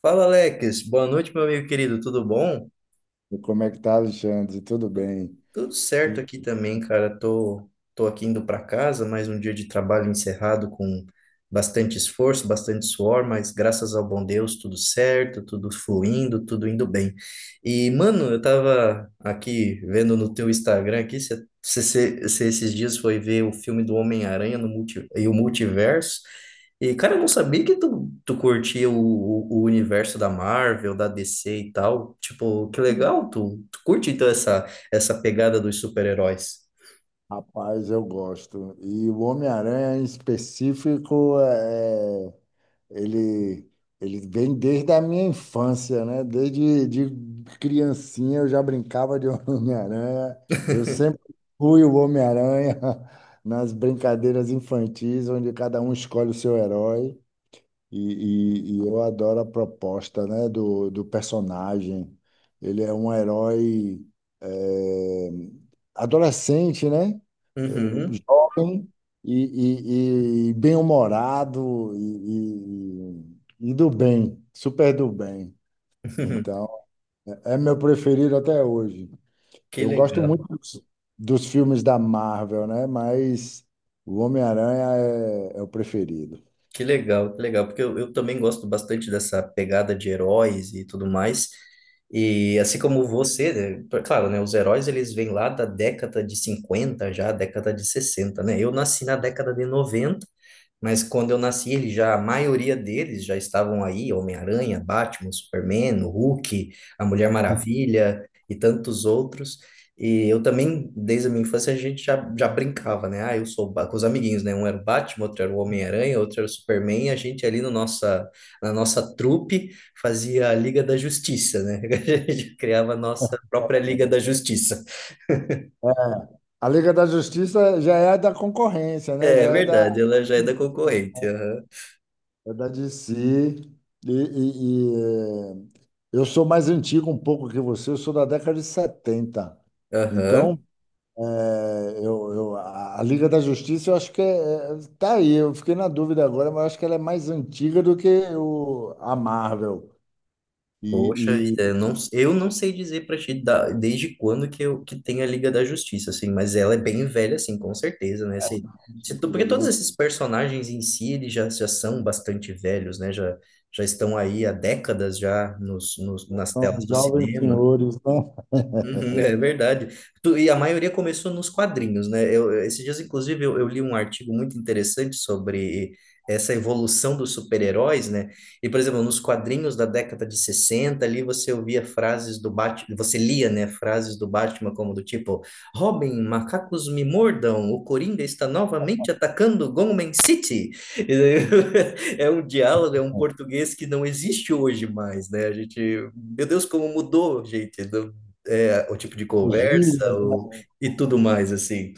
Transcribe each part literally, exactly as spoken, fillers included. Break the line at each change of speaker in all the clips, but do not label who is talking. Fala, Alex. Boa noite, meu amigo querido. Tudo bom?
E como é que tá, Alexandre? Tudo
Tu-
bem?
Tudo certo
Tudo...
aqui também, cara. Tô, tô aqui indo para casa, mais um dia de trabalho encerrado com bastante esforço, bastante suor, mas graças ao bom Deus, tudo certo, tudo fluindo, tudo indo bem. E, mano, eu tava aqui vendo no teu Instagram aqui, você esses dias foi ver o filme do Homem-Aranha no multi, e o Multiverso. E, cara, eu não sabia que tu, tu curtia o, o, o universo da Marvel, da D C e tal. Tipo, que legal, tu, tu curte então essa essa pegada dos super-heróis.
Rapaz, eu gosto. E o Homem-Aranha, em específico, é... ele... ele vem desde a minha infância, né? Desde de criancinha eu já brincava de Homem-Aranha. Eu sempre fui o Homem-Aranha nas brincadeiras infantis, onde cada um escolhe o seu herói. E, e- e eu adoro a proposta, né, do, do personagem. Ele é um herói eh, adolescente, né? Eh,
Uhum.
Jovem e, e- e bem-humorado e, e- e do bem, super do bem.
Uhum.
Então, é meu preferido até hoje.
Que
Eu gosto muito
legal,
dos, dos filmes da Marvel, né? Mas o Homem-Aranha é é o preferido.
que legal, que legal, porque eu, eu também gosto bastante dessa pegada de heróis e tudo mais. E assim como você, né, pra- claro, né, os heróis eles vêm lá da década de cinquenta já, década de sessenta, né? Eu nasci na década de noventa, mas quando eu nasci, eles já, a maioria deles já estavam aí, Homem-Aranha, Batman, Superman, o Hulk, a Mulher Maravilha e tantos outros. E eu também, desde a minha infância, a gente já, já brincava, né? Ah, eu sou o Ba- Com os amiguinhos, né? Um era o Batman, outro era o Homem-Aranha, outro era o Superman, e a gente ali no nossa, na nossa trupe fazia a Liga da Justiça, né? A gente criava a nossa própria Liga da Justiça.
É, a Liga da Justiça já é da concorrência, né?
É
Já é da,
verdade, ela já é da concorrente. Aham.
é da D C. E, e- e, eh, eu sou mais antigo um pouco que você, eu sou da década de setenta.
Aham.
Então, eh, eu, eu- a a Liga da Justiça, eu acho que é, é- tá aí. Eu fiquei na dúvida agora, mas eu acho que ela é mais antiga do que o, a Marvel.
Poxa vida,
E,
eu
e
não, eu não sei dizer pra ti da- desde quando que, eu, que tem a Liga da Justiça, assim, mas ela é bem velha, assim, com certeza, né? Se, se, tu- Porque
antiga, né?
todos esses personagens em si, eles já, já são bastante velhos, né? Já, já estão aí há décadas já nos, nos, nas
São
telas do
jovens
cinema.
senhores, né?
Uhum, é verdade. Tu- E a maioria começou nos quadrinhos, né? Eu, eu- esses dias, inclusive, eu, eu li um artigo muito interessante sobre essa evolução dos super-heróis, né? E, por exemplo, nos quadrinhos da década de sessenta ali você ouvia frases do Batman, você lia, né, frases do Batman como do tipo, Robin, macacos me mordam, o Coringa está novamente atacando Gotham City. E daí, é um diálogo, é um português que não existe hoje mais, né? A gente, meu Deus, como mudou, gente é, o tipo de conversa
Gírias, né?
o, e tudo mais, assim.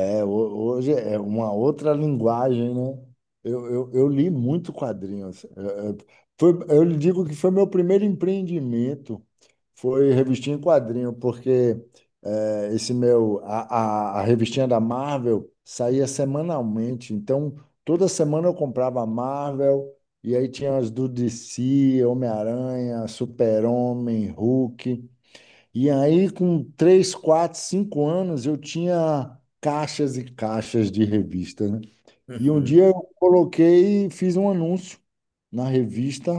É, ho- hoje é uma outra linguagem, né? Eu, eu, eu li muito quadrinhos. É, é, Foi, eu lhe digo que foi meu primeiro empreendimento, foi revistinha em quadrinho, porque é, esse meu, a, a, a revistinha da Marvel saía semanalmente, então toda semana eu comprava a Marvel, e aí tinha as do D C, Homem-Aranha, Super-Homem, Hulk. E aí, com três, quatro, cinco anos, eu tinha caixas e caixas de revista, né? E um
Uhum,
dia eu coloquei e fiz um anúncio na revista,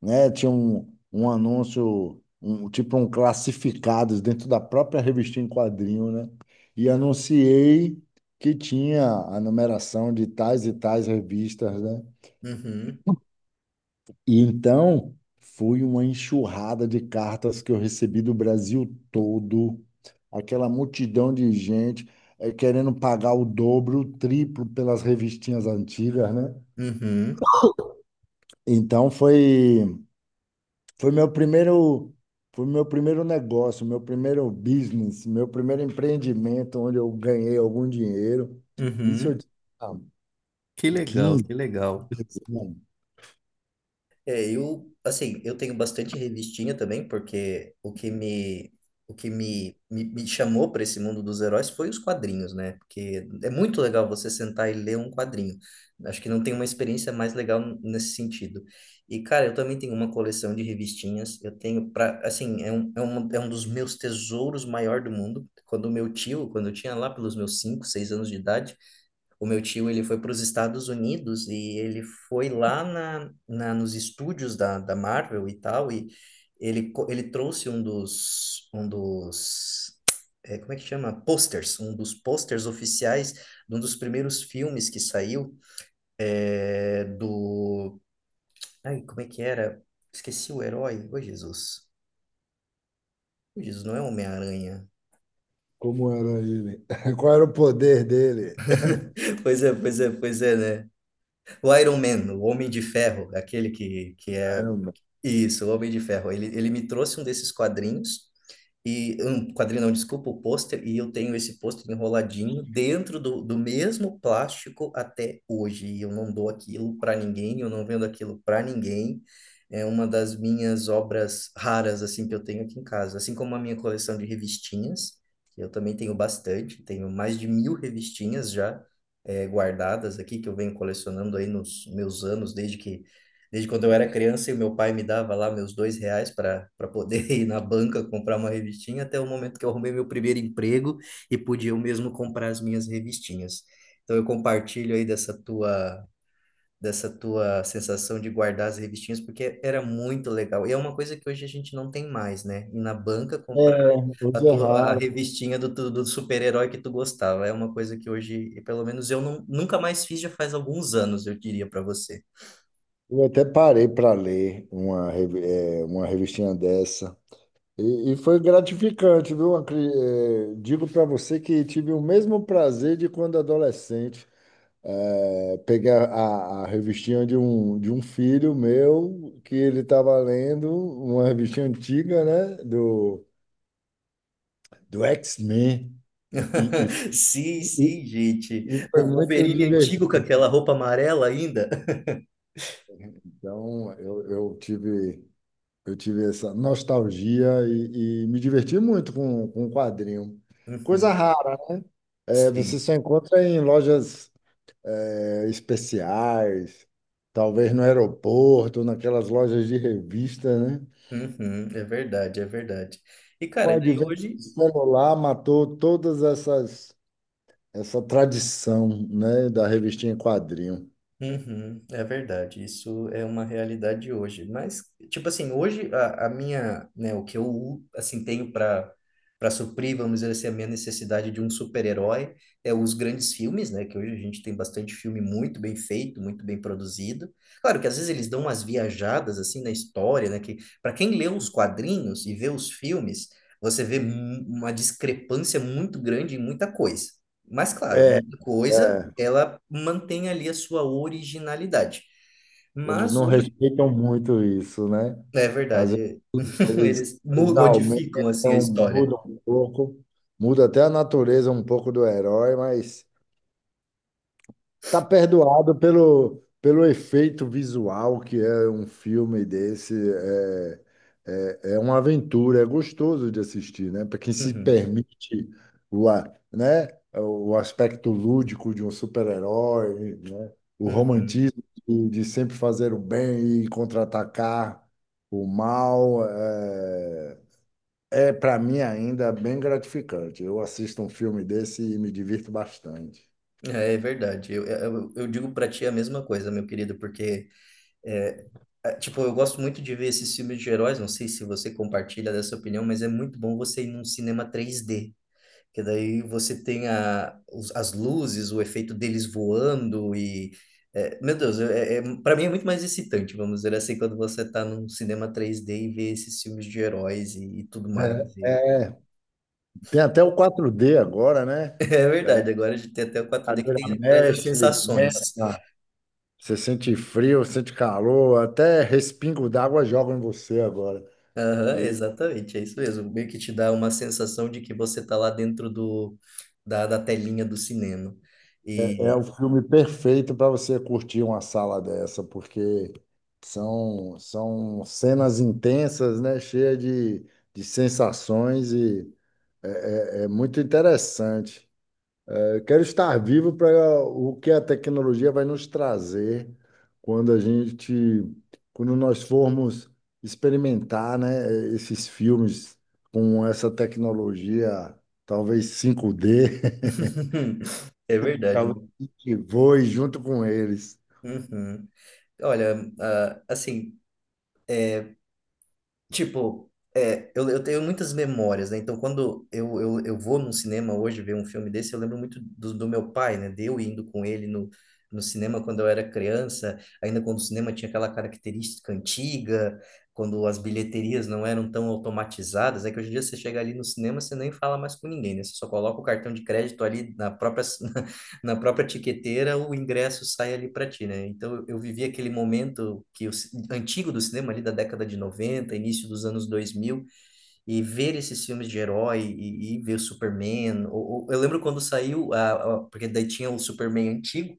né? Tinha um, um anúncio, um, tipo um classificados dentro da própria revista em quadrinho, né? E anunciei que tinha a numeração de tais e tais revistas, né?
uhum,
E então foi uma enxurrada de cartas que eu recebi do Brasil todo, aquela multidão de gente eh, querendo pagar o dobro, o triplo pelas revistinhas antigas, né?
uhum,
Então foi foi meu primeiro foi meu primeiro negócio, meu primeiro business, meu primeiro empreendimento onde eu ganhei algum dinheiro. Isso
uhum.
eu tinha
Que legal,
quinze,
que legal.
anos, né?
É, eu, assim, eu tenho bastante revistinha também, porque o que me, o que me, me, me chamou para esse mundo dos heróis foi os quadrinhos, né? Porque é muito legal você sentar e ler um quadrinho. Acho que não tem uma experiência mais legal nesse sentido. E, cara, eu também tenho uma coleção de revistinhas. Eu tenho para, assim, é um, é um, é um dos meus tesouros maior do mundo. Quando meu tio, quando eu tinha lá pelos meus cinco seis anos de idade, o meu tio, ele foi para os Estados Unidos e ele foi lá na, na, nos estúdios da, da Marvel e tal, e ele, co- ele trouxe um dos, um dos, é, como é que chama? Posters, um dos posters oficiais de um dos primeiros filmes que saiu é, do... Ai, como é que era? Esqueci o herói. Ô, Jesus. Ô, Jesus, não é Homem-Aranha.
Como era ele? Qual era o poder dele?
Pois é, pois é, pois é, né? O Iron Man, o Homem de Ferro, aquele que, que é Isso, o Homem de Ferro. Ele, ele me trouxe um desses quadrinhos, e um quadrinho não, desculpa, o pôster, e eu tenho esse pôster enroladinho dentro do, do mesmo plástico até hoje. E eu não dou aquilo para ninguém, eu não vendo aquilo para ninguém. É uma das minhas obras raras, assim, que eu tenho aqui em casa. Assim como a minha coleção de revistinhas, que eu também tenho bastante, tenho mais de mil revistinhas já eh, guardadas aqui, que eu venho colecionando aí nos meus anos, desde que desde quando eu era criança e o meu pai me dava lá meus dois reais para para poder ir na banca comprar uma revistinha, até o momento que eu arrumei meu primeiro emprego e podia eu mesmo comprar as minhas revistinhas. Então eu compartilho aí dessa tua dessa tua sensação de guardar as revistinhas, porque era muito legal. E é uma coisa que hoje a gente não tem mais, né? Ir na banca
É,
comprar a
hoje é
tua a
raro.
revistinha do, tu- do super-herói que tu gostava. É uma coisa que hoje, pelo menos eu não, nunca mais fiz, já faz alguns anos, eu diria para você.
Eu até parei para ler uma, revi- eh, uma revistinha dessa. E, e foi gratificante, viu? Acre- eh, Digo para você que tive o mesmo prazer de quando adolescente. Eh, pegar a, a revistinha de um, de um filho meu, que ele estava lendo, uma revistinha antiga, né? Do, do X-Men. E, e, e,
Sim,
e
sim, gente.
e foi
O
muito
Wolverine
divertido.
antigo com aquela roupa amarela ainda.
Então, eu, eu tive. Eu tive essa nostalgia e, e me diverti muito com, com o quadrinho. Coisa
Uhum,
rara, é, você
sim.
só encontra em lojas é, especiais, talvez no aeroporto, naquelas lojas de revista, né?
Uhum, é verdade, é verdade. E,
O
cara, daí
advento do
hoje.
celular matou todas essas essa tradição, né, da revistinha em quadrinho.
Uhum, é verdade, isso é uma realidade hoje. Mas, tipo assim, hoje a, a minha, né, o que eu, assim, tenho para para suprir, vamos dizer assim, a minha necessidade de um super-herói é os grandes filmes, né, que hoje a gente tem bastante filme muito bem feito, muito bem produzido. Claro que às vezes eles dão umas viajadas, assim, na história, né, que para quem lê os quadrinhos e vê os filmes, você vê mu- uma discrepância muito grande em muita coisa. Mas, claro,
É,
muita coisa
é,
ela mantém ali a sua originalidade.
eles
Mas
não
hoje,
respeitam muito isso, né?
é
Às
verdade,
Eles,
eles mu-
eles
modificam assim a
aumentam,
história.
mudam um pouco, muda até a natureza um pouco do herói, mas tá perdoado pelo, pelo efeito visual que é um filme desse. É, é, é uma aventura, é gostoso de assistir, né? Para quem se
Uhum,
permite o, a- né? o aspecto lúdico de um super-herói, né? O
uhum.
romantismo de, de sempre fazer o bem e contra-atacar o mal. É, é, para mim, ainda é bem gratificante. Eu assisto um filme desse e me divirto bastante.
É, é verdade. Eu, é, eu, eu digo pra ti a mesma coisa, meu querido, porque é, é, tipo, eu gosto muito de ver esses filmes de heróis, não sei se você compartilha dessa opinião, mas é muito bom você ir num cinema três d. Que daí você tem a, os- as luzes, o efeito deles voando e. É, meu Deus, é, é, para mim é muito mais excitante, vamos dizer assim, quando você tá num cinema três d e vê esses filmes de heróis e, e tudo mais.
É.
E-
Tem até o quatro D agora, né?
É verdade, agora a gente tem até o quatro d que
Cadeira
tem, traz as
mexe, venta,
sensações.
você sente frio, sente calor, até respingo d'água jogam em você agora.
Aham,
E
exatamente, é isso mesmo. Meio que te dá uma sensação de que você tá lá dentro do, da, da telinha do cinema.
é é
E.
o filme perfeito para você curtir uma sala dessa, porque são, são cenas intensas, né? Cheia de, de sensações e é, é é muito interessante. Eu quero estar vivo para o que a tecnologia vai nos trazer quando a gente, quando nós formos experimentar, né, esses filmes com essa tecnologia, talvez cinco D,
É verdade, né?
que voe junto com eles.
Uhum. Olha, ah, assim, é, tipo, é, eu, eu tenho muitas memórias, né? Então, quando eu, eu, eu vou num cinema hoje ver um filme desse, eu lembro muito do, do meu pai, né? De eu indo com ele no, no cinema quando eu era criança, ainda quando o cinema tinha aquela característica antiga, quando as bilheterias não eram tão automatizadas. É que hoje em dia você chega ali no cinema, você nem fala mais com ninguém, né? Você só coloca o cartão de crédito ali na própria, na própria tiqueteira o ingresso sai ali para ti, né? Então eu vivi aquele momento que o, antigo do cinema ali da década de noventa início dos anos dois mil e ver esses filmes de herói e, e ver o Superman. Ou, ou- eu lembro quando saiu a, a- porque daí tinha o Superman antigo.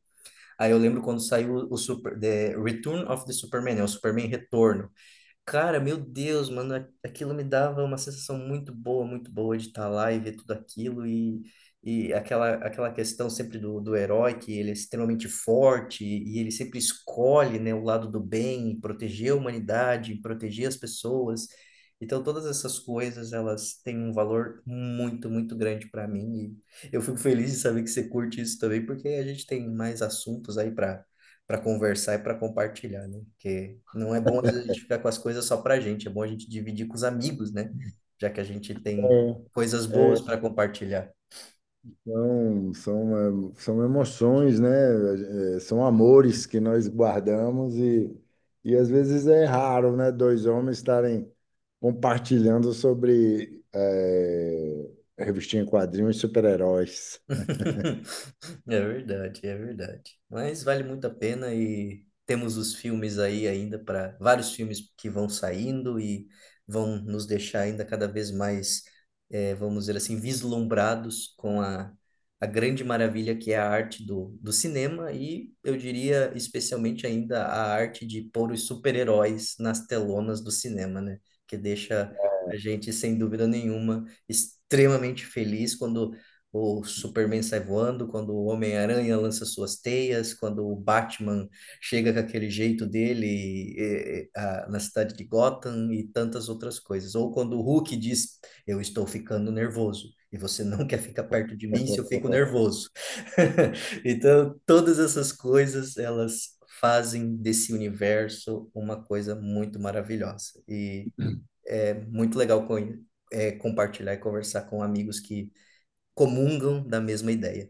Aí eu lembro quando saiu o Super, The Return of the Superman, né? O Superman Retorno. Cara, meu Deus, mano, a- aquilo me dava uma sensação muito boa, muito boa de estar lá e ver tudo aquilo e, e aquela, aquela questão sempre do, do herói, que ele é extremamente forte e ele sempre escolhe, né, o lado do bem, proteger a humanidade, proteger as pessoas. Então, todas essas coisas, elas têm um valor muito, muito grande para mim e eu fico feliz de saber que você curte isso também, porque a gente tem mais assuntos aí para conversar e para compartilhar, né? Porque não é bom às vezes a gente ficar com as coisas só para a gente, é bom a gente dividir com os amigos, né? Já que a gente tem coisas
É.
boas para compartilhar.
São, são, eh, são emoções, né? Eh, São amores que nós guardamos e, e às vezes é raro, né? Dois homens estarem compartilhando sobre eh, revistinha em quadrinhos e super-heróis.
É verdade, é verdade. Mas vale muito a pena e temos os filmes aí ainda para vários filmes que vão saindo e vão nos deixar ainda cada vez mais, eh, vamos dizer assim, vislumbrados com a, a grande maravilha que é a arte do, do cinema e eu diria especialmente ainda a arte de pôr os super-heróis nas telonas do cinema, né? Que deixa a gente, sem dúvida nenhuma, extremamente feliz quando o Superman sai voando, quando o Homem-Aranha lança suas teias, quando o Batman chega com aquele jeito dele eh, ah, na cidade de Gotham e tantas outras coisas. Ou quando o Hulk diz, eu estou ficando nervoso. E você não quer ficar perto de mim se eu fico nervoso. Então, todas essas coisas, elas fazem desse universo uma coisa muito maravilhosa. E é muito legal co- é, compartilhar e conversar com amigos que comungam da mesma ideia.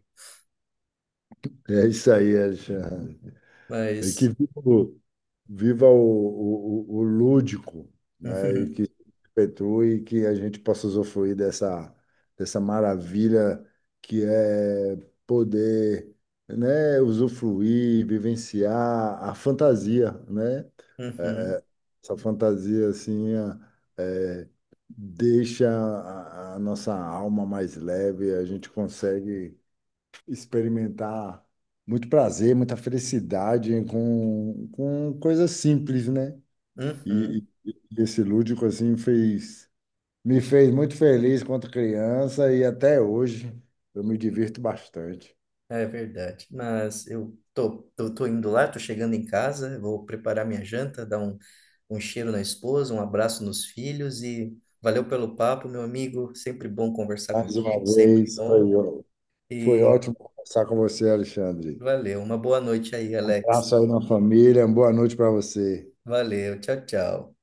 É isso aí, Alexandre. E que
Mas.
viva, viva o, o, o o lúdico, né? E que se perpetue e que a gente possa usufruir dessa, dessa maravilha que é poder, né, usufruir, vivenciar a fantasia, né?
Uhum, uhum,
É, Essa fantasia assim é, é, deixa a, a nossa alma mais leve, a gente consegue experimentar muito prazer, muita felicidade com, com coisas simples, né? E,
uhum,
e- e esse lúdico assim fez me fez muito feliz quando criança e até hoje eu me divirto bastante.
é verdade. Mas eu tô, tô, tô indo lá, tô chegando em casa, vou preparar minha janta, dar um, um cheiro na esposa, um abraço nos filhos e valeu pelo papo, meu amigo. Sempre bom conversar
Mais uma
contigo, sempre
vez
bom.
foi, ó- foi
E
ótimo conversar com você, Alexandre.
valeu. Uma boa noite aí,
Um
Alex.
abraço aí na família, uma boa noite para você.
Valeu, tchau, tchau.